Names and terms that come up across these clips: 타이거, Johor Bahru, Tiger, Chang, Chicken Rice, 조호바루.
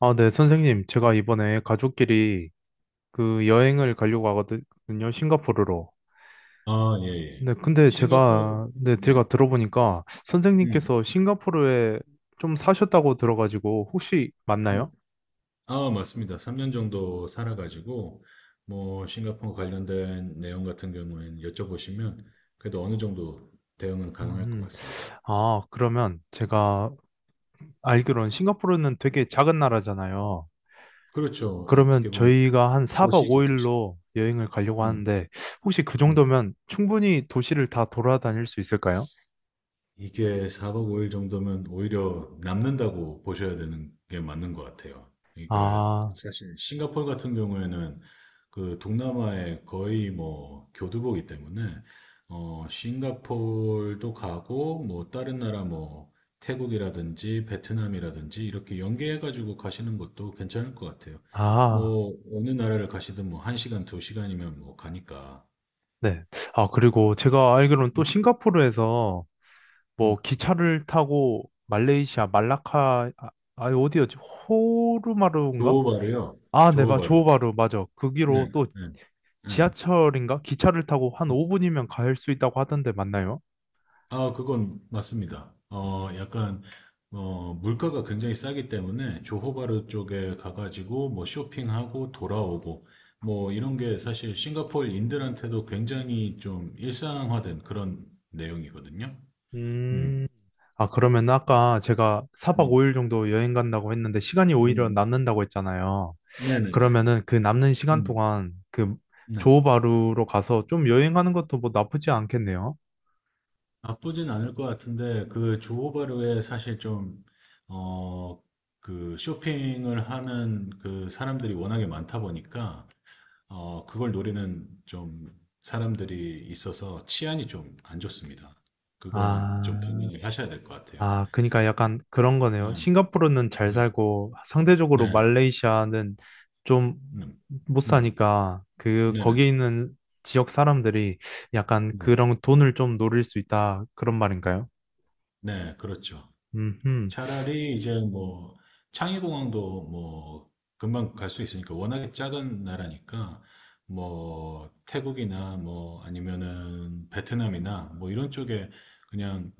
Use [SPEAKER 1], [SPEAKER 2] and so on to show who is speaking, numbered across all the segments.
[SPEAKER 1] 아, 네, 선생님. 제가 이번에 가족끼리 그 여행을 가려고 하거든요. 싱가포르로.
[SPEAKER 2] 아, 예, 예.
[SPEAKER 1] 네, 근데
[SPEAKER 2] 싱가포르,
[SPEAKER 1] 네,
[SPEAKER 2] 네,
[SPEAKER 1] 제가 들어보니까
[SPEAKER 2] 음,
[SPEAKER 1] 선생님께서 싱가포르에 좀 사셨다고 들어가지고 혹시
[SPEAKER 2] 네.
[SPEAKER 1] 맞나요?
[SPEAKER 2] 아, 맞습니다. 3년 정도 살아가지고, 뭐, 싱가포르 관련된 내용 같은 경우에는 여쭤보시면, 그래도 어느 정도 대응은 가능할 것
[SPEAKER 1] 음.
[SPEAKER 2] 같습니다.
[SPEAKER 1] 아, 그러면 제가 알기로는 싱가포르는 되게 작은 나라잖아요.
[SPEAKER 2] 그렇죠.
[SPEAKER 1] 그러면
[SPEAKER 2] 어떻게 보면
[SPEAKER 1] 저희가 한 4박
[SPEAKER 2] 도시죠, 도시.
[SPEAKER 1] 5일로 여행을 가려고
[SPEAKER 2] 네.
[SPEAKER 1] 하는데 혹시 그
[SPEAKER 2] 음.
[SPEAKER 1] 정도면 충분히 도시를 다 돌아다닐 수 있을까요?
[SPEAKER 2] 이게 4박 5일 정도면 오히려 남는다고 보셔야 되는 게 맞는 것 같아요. 그러니까
[SPEAKER 1] 아,
[SPEAKER 2] 사실 싱가포르 같은 경우에는 그 동남아의 거의 뭐 교두보기 때문에 싱가포르도 가고 뭐 다른 나라 뭐 태국이라든지 베트남이라든지 이렇게 연계해가지고 가시는 것도 괜찮을 것 같아요.
[SPEAKER 1] 아.
[SPEAKER 2] 뭐 어느 나라를 가시든 뭐 1시간, 2시간이면 뭐 가니까.
[SPEAKER 1] 네. 아, 그리고 제가 알기로는 또
[SPEAKER 2] 음,
[SPEAKER 1] 싱가포르에서 뭐
[SPEAKER 2] 음.
[SPEAKER 1] 기차를 타고 말레이시아, 말라카, 아, 아, 어디였지? 호르마루인가?
[SPEAKER 2] 조호바르요.
[SPEAKER 1] 아, 네,
[SPEAKER 2] 조호바르.
[SPEAKER 1] 조호바루, 맞아.
[SPEAKER 2] 네,
[SPEAKER 1] 거기로 또
[SPEAKER 2] 네, 네.
[SPEAKER 1] 지하철인가? 기차를 타고 한 5분이면 갈 수 있다고 하던데 맞나요?
[SPEAKER 2] 아, 그건 맞습니다. 약간, 물가가 굉장히 싸기 때문에 조호바르 쪽에 가가지고 뭐 쇼핑하고 돌아오고 뭐 이런 게 사실 싱가포르인들한테도 굉장히 좀 일상화된 그런 내용이거든요. 음,
[SPEAKER 1] 음. 아, 그러면 아까 제가 4박
[SPEAKER 2] 네,
[SPEAKER 1] 5일 정도 여행 간다고 했는데 시간이 오히려
[SPEAKER 2] 음,
[SPEAKER 1] 남는다고 했잖아요.
[SPEAKER 2] 네네네.
[SPEAKER 1] 그러면은 그 남는 시간
[SPEAKER 2] 음,
[SPEAKER 1] 동안 그
[SPEAKER 2] 네.
[SPEAKER 1] 조호바루로 가서 좀 여행하는 것도 뭐 나쁘지 않겠네요.
[SPEAKER 2] 나쁘진 않을 것 같은데 그 조호바르에 사실 좀, 어, 그 쇼핑을 하는 그 사람들이 워낙에 많다 보니까 그걸 노리는 좀 사람들이 있어서 치안이 좀 안 좋습니다. 그거는 좀
[SPEAKER 1] 아.
[SPEAKER 2] 개명을 하셔야 될 것 같아요.
[SPEAKER 1] 아, 그러니까 약간 그런 거네요.
[SPEAKER 2] 네,
[SPEAKER 1] 싱가포르는 잘
[SPEAKER 2] 네,
[SPEAKER 1] 살고 상대적으로
[SPEAKER 2] 네,
[SPEAKER 1] 말레이시아는 좀
[SPEAKER 2] 음,
[SPEAKER 1] 못
[SPEAKER 2] 음,
[SPEAKER 1] 사니까 그 거기에
[SPEAKER 2] 네네네.
[SPEAKER 1] 있는 지역 사람들이 약간
[SPEAKER 2] 네, 네,
[SPEAKER 1] 그런 돈을 좀 노릴 수 있다 그런 말인가요?
[SPEAKER 2] 네, 네, 그렇죠.
[SPEAKER 1] 음.
[SPEAKER 2] 차라리 이제 뭐 창의공항도 뭐 금방 갈 수 있으니까 워낙에 작은 나라니까 뭐 태국이나 뭐 아니면은 베트남이나 뭐 이런 쪽에 그냥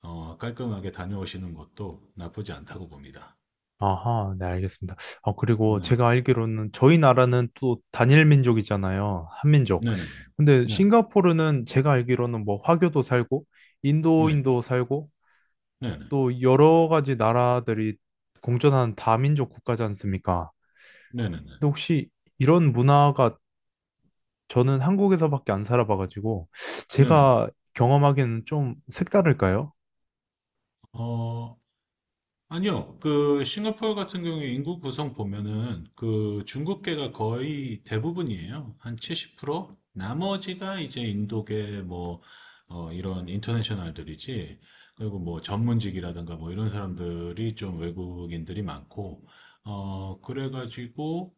[SPEAKER 2] 깔끔하게 다녀오시는 것도 나쁘지 않다고 봅니다.
[SPEAKER 1] 아하, 네, 알겠습니다. 어, 그리고
[SPEAKER 2] 네.
[SPEAKER 1] 제가 알기로는 저희 나라는 또 단일 민족이잖아요. 한민족.
[SPEAKER 2] 네네네.
[SPEAKER 1] 근데
[SPEAKER 2] 네.
[SPEAKER 1] 싱가포르는 제가 알기로는 뭐 화교도 살고
[SPEAKER 2] 네.
[SPEAKER 1] 인도인도 살고
[SPEAKER 2] 네네.
[SPEAKER 1] 또 여러 가지 나라들이 공존하는 다민족 국가지 않습니까?
[SPEAKER 2] 네네네.
[SPEAKER 1] 근데 혹시 이런 문화가 저는 한국에서밖에 안 살아봐가지고
[SPEAKER 2] 네네.
[SPEAKER 1] 제가 경험하기에는 좀 색다를까요?
[SPEAKER 2] 어, 아니요. 그, 싱가포르 같은 경우에 인구 구성 보면은 그 중국계가 거의 대부분이에요. 한 70%? 나머지가 이제 인도계 뭐, 이런 인터내셔널들이지. 그리고 뭐 전문직이라든가 뭐 이런 사람들이 좀 외국인들이 많고, 그래가지고,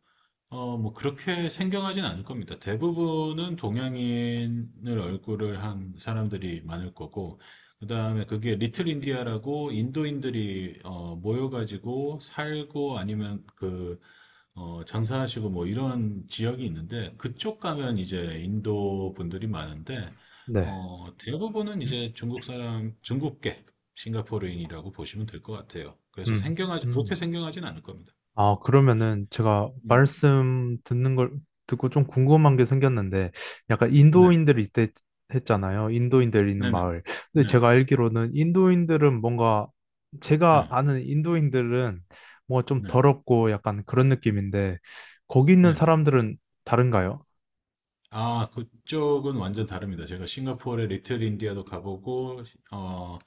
[SPEAKER 2] 뭐, 그렇게 생경하진 않을 겁니다. 대부분은 동양인을 얼굴을 한 사람들이 많을 거고, 그 다음에 그게 리틀 인디아라고 인도인들이, 모여가지고 살고 아니면 그, 장사하시고 뭐 이런 지역이 있는데, 그쪽 가면 이제 인도 분들이 많은데,
[SPEAKER 1] 네.
[SPEAKER 2] 대부분은 이제 중국 사람, 중국계, 싱가포르인이라고 보시면 될 것 같아요. 그래서
[SPEAKER 1] 음.
[SPEAKER 2] 생경하지, 그렇게
[SPEAKER 1] 음.
[SPEAKER 2] 생경하진 않을 겁니다.
[SPEAKER 1] 아, 그러면은 제가
[SPEAKER 2] 음,
[SPEAKER 1] 말씀 듣는 걸 듣고 좀 궁금한 게 생겼는데, 약간
[SPEAKER 2] 네.
[SPEAKER 1] 인도인들이 있대 했잖아요. 인도인들이 있는
[SPEAKER 2] 네네.
[SPEAKER 1] 마을. 근데
[SPEAKER 2] 네.
[SPEAKER 1] 제가 알기로는 인도인들은 뭔가, 제가
[SPEAKER 2] 네,
[SPEAKER 1] 아는 인도인들은 뭔가 좀
[SPEAKER 2] 네,
[SPEAKER 1] 더럽고 약간 그런 느낌인데, 거기 있는
[SPEAKER 2] 네, 네.
[SPEAKER 1] 사람들은 다른가요?
[SPEAKER 2] 아, 그쪽은 완전 다릅니다. 제가 싱가포르의 리틀 인디아도 가보고, 어,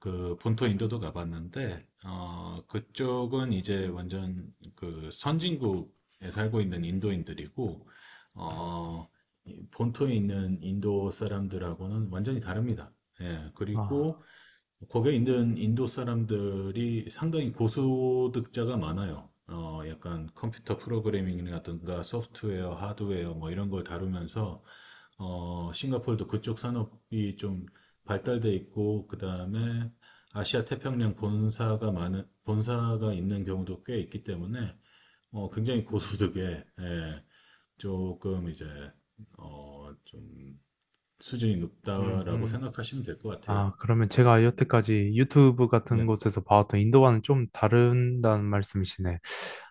[SPEAKER 2] 그 본토 인도도 가봤는데, 그쪽은 이제 완전 그 선진국에 살고 있는 인도인들이고, 어, 이 본토에 있는 인도 사람들하고는 완전히 다릅니다. 예,
[SPEAKER 1] 아.
[SPEAKER 2] 그리고 거기에 있는 인도 사람들이 상당히 고소득자가 많아요. 약간 컴퓨터 프로그래밍이라든가 소프트웨어, 하드웨어 뭐 이런 걸 다루면서 싱가포르도 그쪽 산업이 좀 발달돼 있고 그다음에 아시아 태평양 본사가 많은 본사가 있는 경우도 꽤 있기 때문에 굉장히 고소득에 예, 조금 이제 좀 수준이
[SPEAKER 1] 음.
[SPEAKER 2] 높다라고
[SPEAKER 1] 음.
[SPEAKER 2] 생각하시면 될 것 같아요.
[SPEAKER 1] 아, 그러면 제가 여태까지 유튜브 같은
[SPEAKER 2] 네.
[SPEAKER 1] 곳에서 봐왔던 인도와는 좀 다른다는 말씀이시네.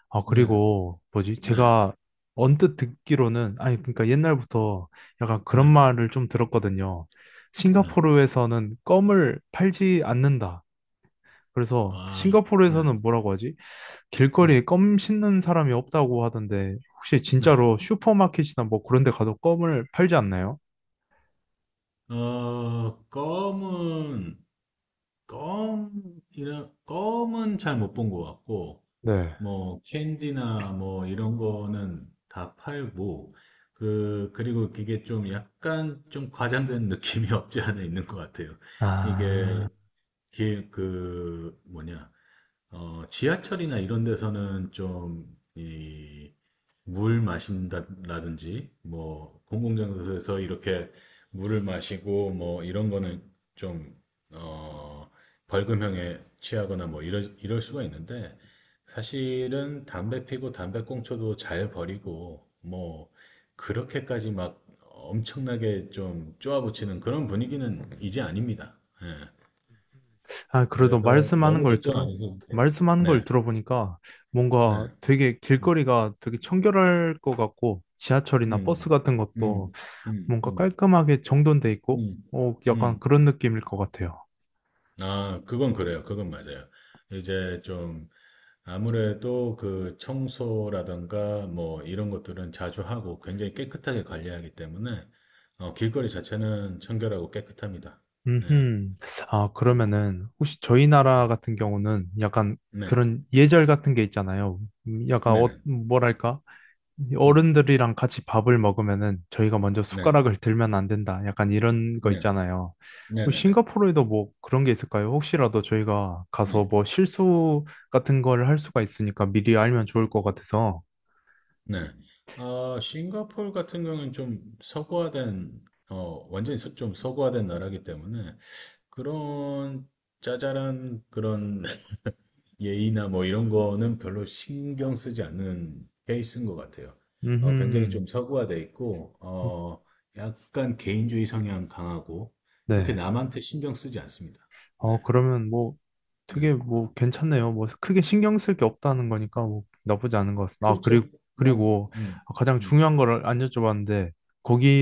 [SPEAKER 1] 아,
[SPEAKER 2] 네.
[SPEAKER 1] 그리고 뭐지?
[SPEAKER 2] 네.
[SPEAKER 1] 제가 언뜻 듣기로는, 아니, 그러니까 옛날부터 약간 그런
[SPEAKER 2] 네.
[SPEAKER 1] 말을 좀 들었거든요.
[SPEAKER 2] 네.
[SPEAKER 1] 싱가포르에서는 껌을 팔지 않는다. 그래서
[SPEAKER 2] 아, 네,
[SPEAKER 1] 싱가포르에서는 뭐라고 하지?
[SPEAKER 2] 네,
[SPEAKER 1] 길거리에 껌 씻는 사람이 없다고 하던데, 혹시
[SPEAKER 2] 네.
[SPEAKER 1] 진짜로 슈퍼마켓이나 뭐 그런 데 가도 껌을 팔지 않나요?
[SPEAKER 2] 어, 껌은, 껌, 껌은 잘 못 본 것 같고,
[SPEAKER 1] 네.
[SPEAKER 2] 뭐, 캔디나 뭐, 이런 거는 다 팔고, 그리고 그게 좀 약간 좀 과장된 느낌이 없지 않아 있는 것 같아요.
[SPEAKER 1] 아.
[SPEAKER 2] 이게, 그, 뭐냐. 지하철이나 이런 데서는 좀, 이, 물 마신다라든지, 뭐, 공공장소에서 이렇게 물을 마시고, 뭐, 이런 거는 좀, 어, 벌금형에 취하거나 뭐, 이럴 수가 있는데, 사실은 담배 피고 담배꽁초도 잘 버리고, 뭐, 그렇게까지 막 엄청나게 좀 쪼아붙이는 그런 분위기는 이제 아닙니다. 예.
[SPEAKER 1] 아, 그래도
[SPEAKER 2] 그래서 너무 걱정 안 하셔도 돼요.
[SPEAKER 1] 말씀하는
[SPEAKER 2] 네.
[SPEAKER 1] 걸 들어보니까 뭔가
[SPEAKER 2] 네.
[SPEAKER 1] 되게
[SPEAKER 2] 음,
[SPEAKER 1] 길거리가 되게 청결할 것 같고 지하철이나 버스
[SPEAKER 2] 음,
[SPEAKER 1] 같은 것도
[SPEAKER 2] 음, 음,
[SPEAKER 1] 뭔가
[SPEAKER 2] 음,
[SPEAKER 1] 깔끔하게 정돈돼 있고
[SPEAKER 2] 음.
[SPEAKER 1] 어, 약간
[SPEAKER 2] 음.
[SPEAKER 1] 그런 느낌일 것 같아요.
[SPEAKER 2] 아, 그건 그래요. 그건 맞아요. 이제 좀 아무래도 그 청소라든가 뭐 이런 것들은 자주 하고 굉장히 깨끗하게 관리하기 때문에 길거리 자체는 청결하고 깨끗합니다. 네.
[SPEAKER 1] 음. 아,
[SPEAKER 2] 음,
[SPEAKER 1] 그러면은 혹시 저희
[SPEAKER 2] 네.
[SPEAKER 1] 나라 같은 경우는 약간
[SPEAKER 2] 네.
[SPEAKER 1] 그런 예절 같은 게 있잖아요. 약간 어,
[SPEAKER 2] 네네.
[SPEAKER 1] 뭐랄까? 이
[SPEAKER 2] 음,
[SPEAKER 1] 어른들이랑 같이 밥을 먹으면은 저희가 먼저
[SPEAKER 2] 네.
[SPEAKER 1] 숟가락을 들면 안 된다. 약간 이런 거
[SPEAKER 2] 네.
[SPEAKER 1] 있잖아요. 뭐
[SPEAKER 2] 네네네. 네. 네, 네.
[SPEAKER 1] 싱가포르에도 뭐 그런 게 있을까요? 혹시라도 저희가
[SPEAKER 2] 네.
[SPEAKER 1] 가서 뭐 실수 같은 걸 할 수가 있으니까 미리 알면 좋을 것 같아서.
[SPEAKER 2] 네. 아, 싱가포르 같은 경우는 좀 서구화된, 완전히 좀 서구화된 나라이기 때문에 그런 짜잘한 그런 예의나 뭐 이런 거는 별로 신경 쓰지 않는 케이스인 것 같아요. 굉장히
[SPEAKER 1] 음.
[SPEAKER 2] 좀 서구화돼 있고, 약간 개인주의 성향 강하고, 그렇게
[SPEAKER 1] 네.
[SPEAKER 2] 남한테 신경 쓰지 않습니다. 네.
[SPEAKER 1] 어, 그러면 뭐
[SPEAKER 2] 네.
[SPEAKER 1] 되게 뭐 괜찮네요. 뭐 크게 신경 쓸 게 없다는 거니까 뭐 나쁘지 않은 것 같습니다. 아, 그리고
[SPEAKER 2] 그렇죠. 그냥,
[SPEAKER 1] 그리고
[SPEAKER 2] 음,
[SPEAKER 1] 가장
[SPEAKER 2] 음,
[SPEAKER 1] 중요한 거를 안 여쭤봤는데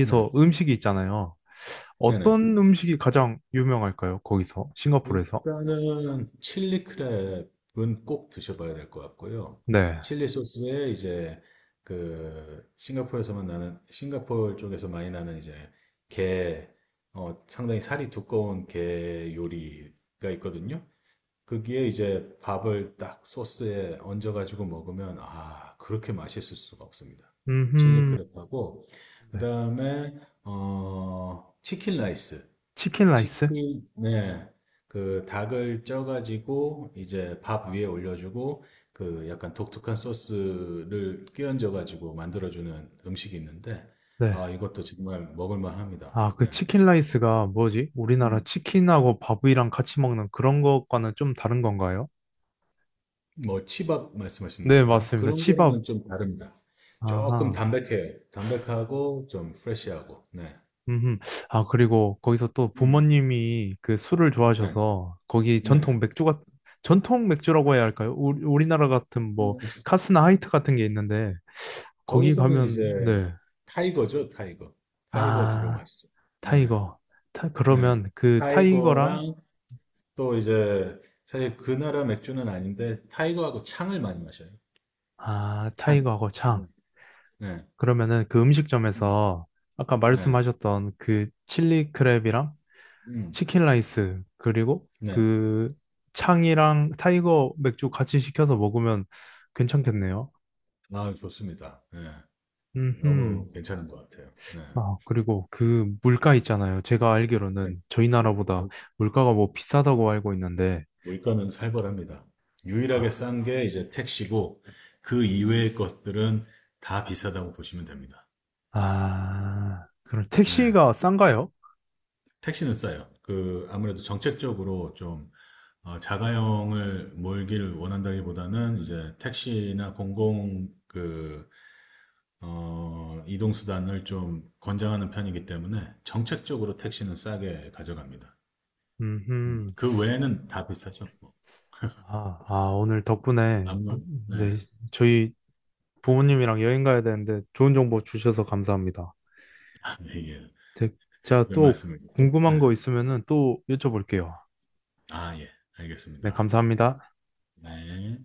[SPEAKER 2] 네.
[SPEAKER 1] 음식이 있잖아요.
[SPEAKER 2] 네네.
[SPEAKER 1] 어떤 음식이 가장 유명할까요? 거기서 싱가포르에서?
[SPEAKER 2] 일단은 칠리 크랩은 꼭 드셔봐야 될 것 같고요.
[SPEAKER 1] 네.
[SPEAKER 2] 칠리 소스에 이제 그 싱가포르에서만 나는 싱가포르 쪽에서 많이 나는 이제 게 상당히 살이 두꺼운 게 요리가 있거든요. 거기에 이제 밥을 딱 소스에 얹어가지고 먹으면 아 그렇게 맛있을 수가 없습니다. 칠리
[SPEAKER 1] 음.
[SPEAKER 2] 크랩하고
[SPEAKER 1] 네.
[SPEAKER 2] 그다음에 치킨 라이스
[SPEAKER 1] 치킨 라이스?
[SPEAKER 2] 치킨, 네. 그 닭을 쪄가지고 이제 밥 위에 올려주고 그 약간 독특한 소스를 끼얹어가지고 만들어주는 음식이 있는데
[SPEAKER 1] 네.
[SPEAKER 2] 아 이것도 정말 먹을만 합니다.
[SPEAKER 1] 아,
[SPEAKER 2] 네.
[SPEAKER 1] 그 치킨 라이스가 뭐지? 우리나라
[SPEAKER 2] 음.
[SPEAKER 1] 치킨하고 밥이랑 같이 먹는 그런 것과는 좀 다른 건가요?
[SPEAKER 2] 뭐 치밥 말씀하시는
[SPEAKER 1] 네,
[SPEAKER 2] 건가요?
[SPEAKER 1] 맞습니다.
[SPEAKER 2] 그런
[SPEAKER 1] 치밥.
[SPEAKER 2] 거랑은 좀 다릅니다. 조금
[SPEAKER 1] 아하.
[SPEAKER 2] 담백해요. 담백하고 좀 프레시하고. 네.
[SPEAKER 1] 음. 아, 그리고 거기서 또
[SPEAKER 2] 음.
[SPEAKER 1] 부모님이 그 술을
[SPEAKER 2] 네.
[SPEAKER 1] 좋아하셔서 거기 전통
[SPEAKER 2] 네네.
[SPEAKER 1] 맥주가, 전통 맥주라고 해야 할까요? 우리나라 같은 뭐,
[SPEAKER 2] 음.
[SPEAKER 1] 카스나 하이트 같은 게 있는데, 거기
[SPEAKER 2] 거기서는
[SPEAKER 1] 가면,
[SPEAKER 2] 이제
[SPEAKER 1] 네.
[SPEAKER 2] 타이거죠, 타이거. 타이거 주로
[SPEAKER 1] 아,
[SPEAKER 2] 마시죠. 예.
[SPEAKER 1] 타이거.
[SPEAKER 2] 네.
[SPEAKER 1] 그러면 그 타이거랑,
[SPEAKER 2] 타이거랑 또 이제 사실 그 나라 맥주는 아닌데 타이거하고 창을 많이 마셔요.
[SPEAKER 1] 아,
[SPEAKER 2] 창.
[SPEAKER 1] 타이거하고 창.
[SPEAKER 2] 네. 네.
[SPEAKER 1] 그러면은 그
[SPEAKER 2] 음.
[SPEAKER 1] 음식점에서 아까
[SPEAKER 2] 네.
[SPEAKER 1] 말씀하셨던 그 칠리 크랩이랑
[SPEAKER 2] 음.
[SPEAKER 1] 치킨 라이스 그리고
[SPEAKER 2] 네.
[SPEAKER 1] 그 창이랑 타이거 맥주 같이 시켜서 먹으면 괜찮겠네요.
[SPEAKER 2] 아, 좋습니다. 네.
[SPEAKER 1] 음.
[SPEAKER 2] 너무 괜찮은 것 같아요. 네.
[SPEAKER 1] 아, 그리고 그 물가 있잖아요. 제가
[SPEAKER 2] 네.
[SPEAKER 1] 알기로는 저희 나라보다
[SPEAKER 2] 물-
[SPEAKER 1] 물가가 뭐 비싸다고 알고 있는데
[SPEAKER 2] 물가는 살벌합니다. 유일하게
[SPEAKER 1] 아,
[SPEAKER 2] 싼 게 이제 택시고 그 이외의 것들은 다 비싸다고 보시면 됩니다.
[SPEAKER 1] 아, 그럼
[SPEAKER 2] 네.
[SPEAKER 1] 택시가 싼가요?
[SPEAKER 2] 택시는 싸요. 그 아무래도 정책적으로 좀 자가용을 몰기를 원한다기보다는 이제 택시나 공공 그, 이동수단을 좀 권장하는 편이기 때문에 정책적으로 택시는 싸게 가져갑니다.
[SPEAKER 1] 음.
[SPEAKER 2] 그 외에는 다 비싸죠. 뭐.
[SPEAKER 1] 아, 아, 오늘 덕분에
[SPEAKER 2] 네.
[SPEAKER 1] 네, 저희 부모님이랑 여행 가야 되는데 좋은 정보 주셔서 감사합니다.
[SPEAKER 2] 아, 예, 예.
[SPEAKER 1] 제- 제가
[SPEAKER 2] 왜
[SPEAKER 1] 또
[SPEAKER 2] 말씀을 또, 네.
[SPEAKER 1] 궁금한 거 있으면은 또 여쭤볼게요.
[SPEAKER 2] 아, 예.
[SPEAKER 1] 네,
[SPEAKER 2] 알겠습니다.
[SPEAKER 1] 감사합니다.
[SPEAKER 2] 네.